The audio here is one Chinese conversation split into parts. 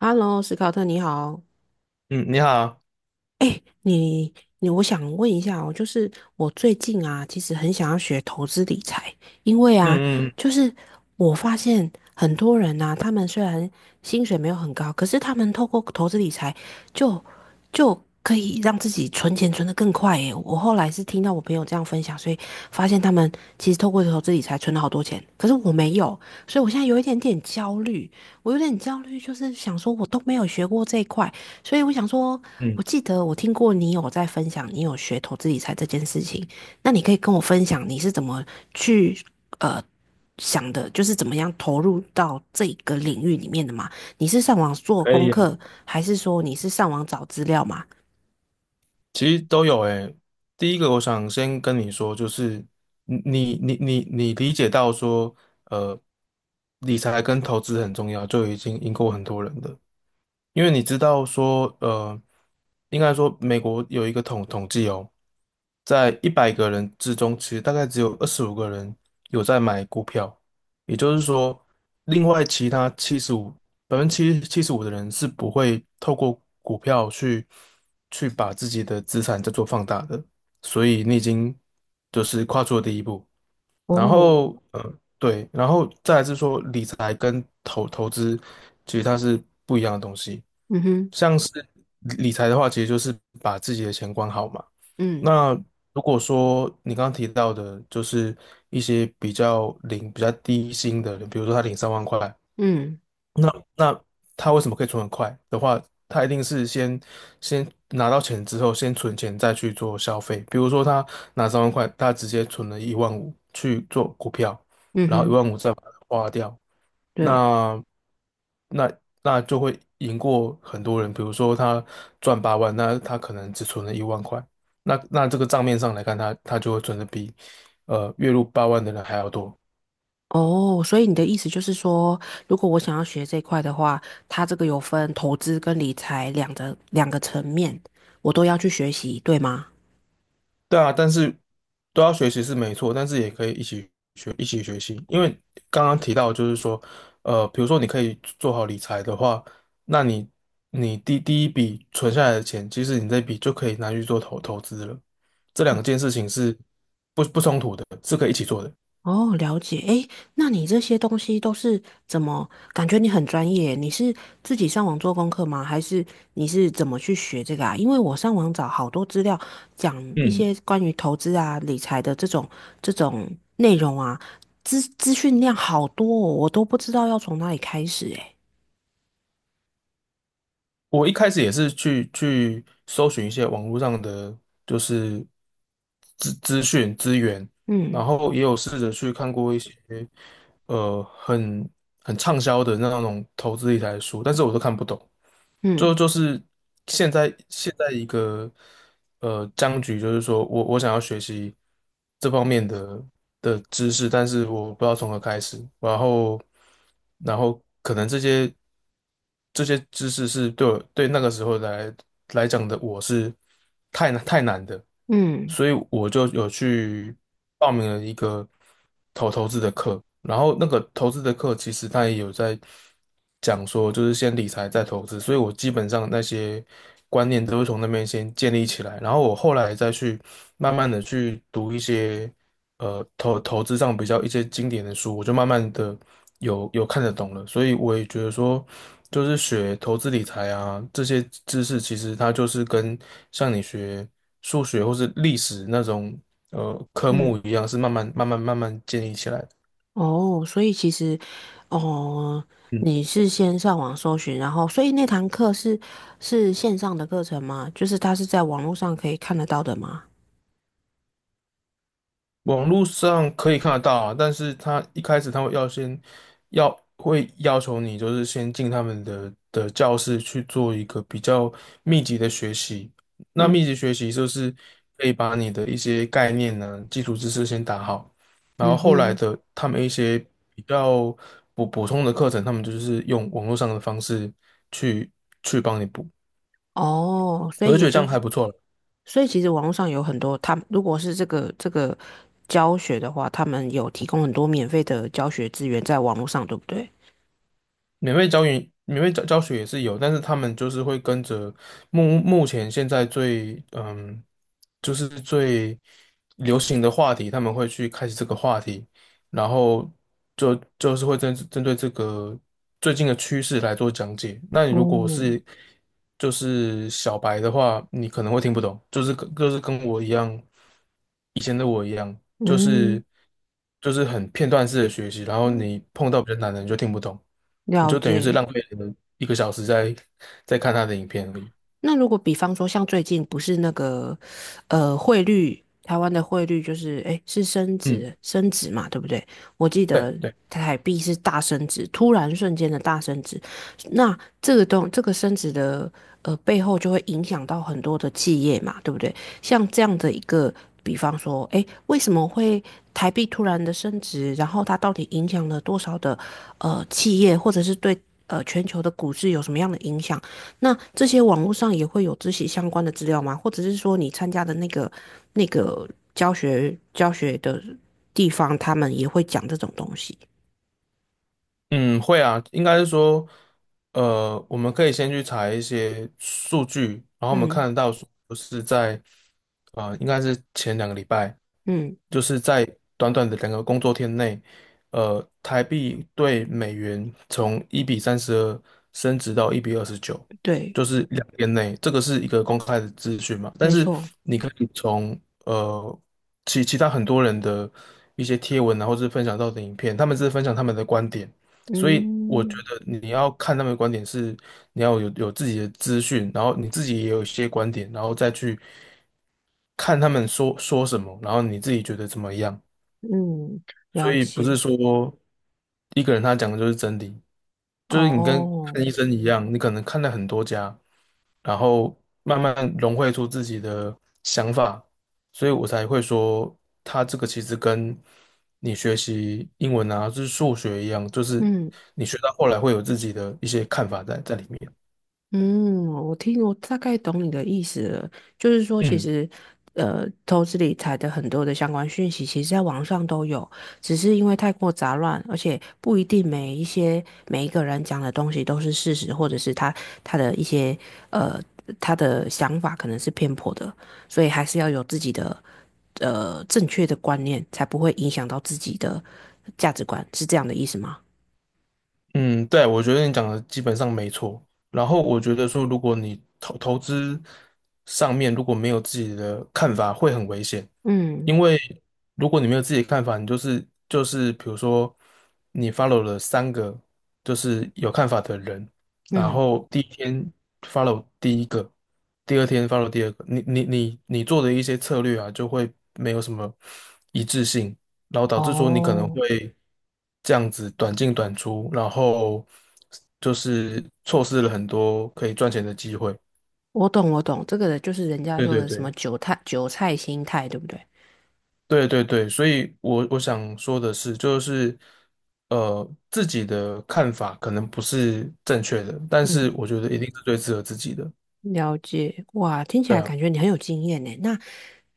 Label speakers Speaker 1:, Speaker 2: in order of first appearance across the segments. Speaker 1: 哈喽，l 史考特，你好。
Speaker 2: 嗯，你好。
Speaker 1: 哎，你，我想问一下哦，就是我最近啊，其实很想要学投资理财，因为啊，
Speaker 2: 嗯嗯
Speaker 1: 就是我发现很多人呐、他们虽然薪水没有很高，可是他们透过投资理财就就可以让自己存钱存得更快耶。我后来是听到我朋友这样分享，所以发现他们其实透过投资理财存了好多钱，可是我没有，所以我现在有一点点焦虑，我有点焦虑，就是想说我都没有学过这一块。所以我想说，
Speaker 2: 嗯，
Speaker 1: 我记得我听过你有在分享，你有学投资理财这件事情，那你可以跟我分享你是怎么去呃想的，就是怎么样投入到这个领域里面的吗？你是上网做
Speaker 2: 可
Speaker 1: 功
Speaker 2: 以啊。
Speaker 1: 课，还是说你是上网找资料嘛？
Speaker 2: 其实都有诶。第一个，我想先跟你说，就是你理解到说，呃，理财跟投资很重要，就已经赢过很多人的。因为你知道说，应该说美国有一个统计哦，在100个人之中，其实大概只有25个人有在买股票。也就是说，另外其他七十五75%的人是不会透过股票去把自己的资产再做放大的，所以你已经就是跨出了第一步。然
Speaker 1: 哦，
Speaker 2: 后，对，然后再来是说理财跟投资，其实它是不一样的东西。
Speaker 1: 嗯哼，
Speaker 2: 像是理财的话，其实就是把自己的钱管好嘛。
Speaker 1: 嗯
Speaker 2: 那如果说你刚刚提到的，就是一些比较低薪的人，比如说他领三万块。
Speaker 1: 嗯
Speaker 2: 那那他为什么可以存很快的话，他一定是先拿到钱之后，先存钱再去做消费。比如说他拿三万块，他直接存了一万五去做股票，
Speaker 1: 嗯
Speaker 2: 然后一
Speaker 1: 哼，
Speaker 2: 万五再把它花掉，
Speaker 1: 对。
Speaker 2: 那那那就会赢过很多人。比如说他赚八万，那他可能只存了1万块，那这个账面上来看，他就会存的比月入八万的人还要多。
Speaker 1: 哦，所以你的意思就是说，如果我想要学这一块的话，它这个有分投资跟理财两个层面，我都要去学习，对吗？
Speaker 2: 对啊，但是都要学习是没错，但是也可以一起学，一起学习。因为刚刚提到，就是说，比如说你可以做好理财的话，那你第一笔存下来的钱，其实你这笔就可以拿去做投资了。这两件事情是不冲突的，是可以一起做的。
Speaker 1: 哦，了解。诶，那你这些东西都是怎么？感觉你很专业，你是自己上网做功课吗？还是你是怎么去学这个啊？因为我上网找好多资料，讲一
Speaker 2: 嗯，
Speaker 1: 些关于投资啊、理财的这种内容啊，资讯量好多哦，我都不知道要从哪里开始诶。
Speaker 2: 我一开始也是去搜寻一些网络上的就是资讯资源，
Speaker 1: 嗯
Speaker 2: 然后也有试着去看过一些呃很很畅销的那种投资理财的书，但是我都看不懂。就
Speaker 1: 嗯
Speaker 2: 就是现在一个僵局，就是说我想要学习这方面的知识，但是我不知道从何开始。然后可能这些知识是对我对那个时候来讲的我是太难太难的，
Speaker 1: 嗯
Speaker 2: 所以我就有去报名了一个投资的课。然后那个投资的课其实他也有在讲说，就是先理财再投资，所以我基本上那些观念都是从那边先建立起来，然后我后来再去慢慢的去读一些投资上比较一些经典的书，我就慢慢的有看得懂了，所以我也觉得说，就是学投资理财啊，这些知识其实它就是跟像你学数学或是历史那种科
Speaker 1: 嗯。
Speaker 2: 目一样，是慢慢慢慢慢慢建立起来的。
Speaker 1: 哦，所以其实，哦，
Speaker 2: 嗯，
Speaker 1: 你是先上网搜寻，然后，所以那堂课是线上的课程吗？就是它是在网络上可以看得到的吗？
Speaker 2: 网络上可以看得到啊，但是他一开始他会要求你，就是先进他们的教室去做一个比较密集的学习。那密
Speaker 1: 嗯
Speaker 2: 集学习就是可以把你的一些概念呢、基础知识先打好，然
Speaker 1: 嗯
Speaker 2: 后后来
Speaker 1: 哼，
Speaker 2: 的他们一些比较补充的课程，他们就是用网络上的方式去去帮你补。
Speaker 1: 哦，所
Speaker 2: 我
Speaker 1: 以
Speaker 2: 就觉
Speaker 1: 也
Speaker 2: 得这
Speaker 1: 就
Speaker 2: 样
Speaker 1: 是，
Speaker 2: 还不错了。
Speaker 1: 所以其实网络上有很多，他们如果是这个教学的话，他们有提供很多免费的教学资源在网络上，对不对？
Speaker 2: 免费教学也是有，但是他们就是会跟着目前现在最嗯，就是最流行的话题，他们会去开始这个话题，然后就是会针对这个最近的趋势来做讲解。那你如果
Speaker 1: 哦，
Speaker 2: 是就是小白的话，你可能会听不懂，就是跟我一样，以前的我一样，就
Speaker 1: 嗯
Speaker 2: 是就是很片段式的学习，然后
Speaker 1: 嗯，
Speaker 2: 你碰到比较难的你就听不懂。你
Speaker 1: 了
Speaker 2: 就等于是
Speaker 1: 解。
Speaker 2: 浪费了1个小时在看他的影片而已。
Speaker 1: 那如果比方说，像最近不是那个，汇率，台湾的汇率就是，诶，是升
Speaker 2: 嗯，
Speaker 1: 值，升值嘛，对不对？我记得
Speaker 2: 对对。
Speaker 1: 台币是大升值，突然瞬间的大升值。那这个东，这个升值的，背后就会影响到很多的企业嘛，对不对？像这样的一个，比方说，诶，为什么会台币突然的升值？然后它到底影响了多少的，企业，或者是对，全球的股市有什么样的影响？那这些网络上也会有自习相关的资料吗？或者是说你参加的那个教学的地方，他们也会讲这种东西？
Speaker 2: 嗯，会啊，应该是说，我们可以先去查一些数据，然后我们
Speaker 1: 嗯
Speaker 2: 看得到说是在，应该是前2个礼拜，
Speaker 1: 嗯，
Speaker 2: 就是在短短的2个工作天内，台币对美元从1比32升值到1比29，
Speaker 1: 对，
Speaker 2: 就是2天内，这个是一个公开的资讯嘛。但
Speaker 1: 没
Speaker 2: 是
Speaker 1: 错，
Speaker 2: 你可以从呃其他很多人的一些贴文啊，然后是分享到的影片，他们是分享他们的观点。所以我觉
Speaker 1: 嗯
Speaker 2: 得你要看他们的观点是，你要有自己的资讯，然后你自己也有一些观点，然后再去看他们说说什么，然后你自己觉得怎么样。
Speaker 1: 嗯，
Speaker 2: 所
Speaker 1: 了
Speaker 2: 以不是
Speaker 1: 解，
Speaker 2: 说一个人他讲的就是真理，就是你跟
Speaker 1: 哦，
Speaker 2: 看医生一样，你可能看了很多家，然后慢慢融汇出自己的想法，所以我才会说，他这个其实跟你学习英文啊，就是数学一样，就是
Speaker 1: 嗯。
Speaker 2: 你学到后来会有自己的一些看法在里面。
Speaker 1: 嗯，我听我大概懂你的意思了，就是说，其
Speaker 2: 嗯。
Speaker 1: 实，投资理财的很多的相关讯息，其实在网上都有，只是因为太过杂乱，而且不一定每一个人讲的东西都是事实，或者是他的一些呃他的想法可能是偏颇的，所以还是要有自己的正确的观念，才不会影响到自己的价值观，是这样的意思吗？
Speaker 2: 嗯，对，我觉得你讲的基本上没错。然后我觉得说，如果你投资上面如果没有自己的看法，会很危险。
Speaker 1: 嗯
Speaker 2: 因为如果你没有自己的看法，你就是比如说你 follow 了三个就是有看法的人，然
Speaker 1: 嗯，
Speaker 2: 后第一天 follow 第一个，第二天 follow 第二个，你做的一些策略啊，就会没有什么一致性，然后导致说你可能
Speaker 1: 哦。
Speaker 2: 会这样子短进短出，然后就是错失了很多可以赚钱的机会。
Speaker 1: 我懂，我懂，这个就是人家
Speaker 2: 对
Speaker 1: 说
Speaker 2: 对
Speaker 1: 的什
Speaker 2: 对。
Speaker 1: 么韭菜心态，对不对？
Speaker 2: 对对对，所以我想说的是，就是自己的看法可能不是正确的，但是
Speaker 1: 嗯，
Speaker 2: 我觉得一定是最适合自己的。
Speaker 1: 了解，哇，听起
Speaker 2: 对
Speaker 1: 来
Speaker 2: 啊。
Speaker 1: 感觉你很有经验呢。那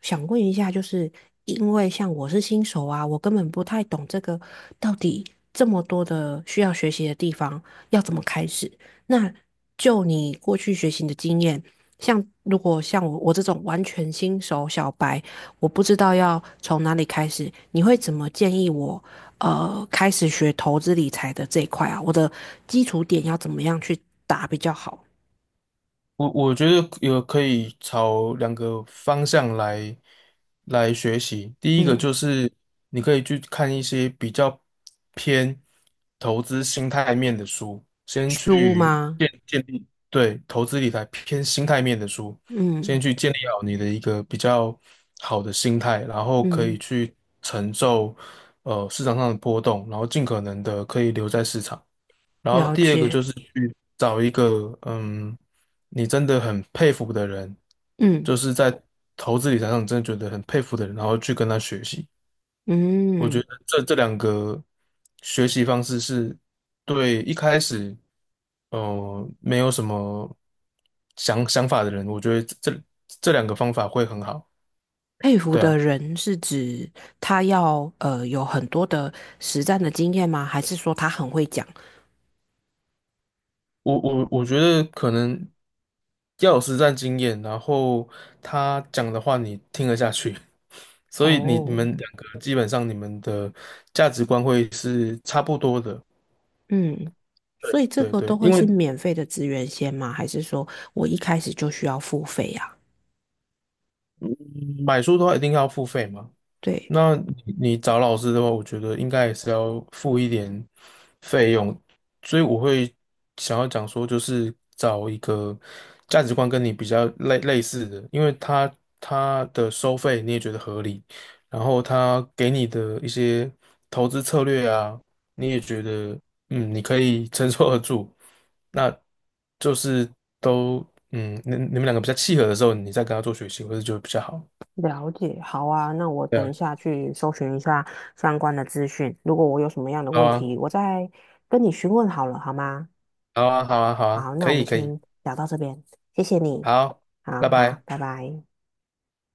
Speaker 1: 想问一下，就是因为像我是新手啊，我根本不太懂这个到底这么多的需要学习的地方要怎么开始。那就你过去学习的经验，像如果像我这种完全新手小白，我不知道要从哪里开始，你会怎么建议我开始学投资理财的这一块啊？我的基础点要怎么样去打比较好？
Speaker 2: 我觉得有可以朝两个方向来学习。第一个
Speaker 1: 嗯。
Speaker 2: 就是你可以去看一些比较偏投资心态面的书，先
Speaker 1: 书
Speaker 2: 去
Speaker 1: 吗？
Speaker 2: 建立对投资理财偏心态面的书，
Speaker 1: 嗯
Speaker 2: 先去建立好你的一个比较好的心态，然后可以
Speaker 1: 嗯，
Speaker 2: 去承受市场上的波动，然后尽可能的可以留在市场。然后
Speaker 1: 了
Speaker 2: 第二个
Speaker 1: 解。
Speaker 2: 就是去找一个你真的很佩服的人，
Speaker 1: 嗯
Speaker 2: 就是在投资理财上你真的觉得很佩服的人，然后去跟他学习。我觉
Speaker 1: 嗯，
Speaker 2: 得这两个学习方式是对一开始没有什么想法的人，我觉得这两个方法会很好。
Speaker 1: 佩服
Speaker 2: 对
Speaker 1: 的
Speaker 2: 啊，
Speaker 1: 人是指他要有很多的实战的经验吗？还是说他很会讲？
Speaker 2: 我觉得可能要有实战经验，然后他讲的话你听得下去。所以你你
Speaker 1: 哦，
Speaker 2: 们两个基本上你们的价值观会是差不多的。
Speaker 1: 嗯，所以这
Speaker 2: 对
Speaker 1: 个都
Speaker 2: 对，
Speaker 1: 会
Speaker 2: 因为
Speaker 1: 是免费的资源先吗？还是说我一开始就需要付费呀？
Speaker 2: 买书的话一定要付费嘛，
Speaker 1: 对，
Speaker 2: 那你找老师的话，我觉得应该也是要付一点费用，所以我会想要讲说，就是找一个价值观跟你比较类似的，因为他的收费你也觉得合理，然后他给你的一些投资策略啊，你也觉得你可以承受得住，那就是都你们两个比较契合的时候，你再跟他做学习，或者就比较好。
Speaker 1: 了解，好啊，那我
Speaker 2: 对
Speaker 1: 等
Speaker 2: 啊，
Speaker 1: 一下去搜寻一下相关的资讯。如果我有什么样的
Speaker 2: 好
Speaker 1: 问
Speaker 2: 啊。
Speaker 1: 题，我再跟你询问好了，好吗？
Speaker 2: 好啊，好啊，好啊，
Speaker 1: 好，那
Speaker 2: 可
Speaker 1: 我
Speaker 2: 以，
Speaker 1: 们
Speaker 2: 可以，
Speaker 1: 先聊到这边，谢谢你。
Speaker 2: 好，
Speaker 1: 好
Speaker 2: 拜
Speaker 1: 好，
Speaker 2: 拜。
Speaker 1: 拜拜。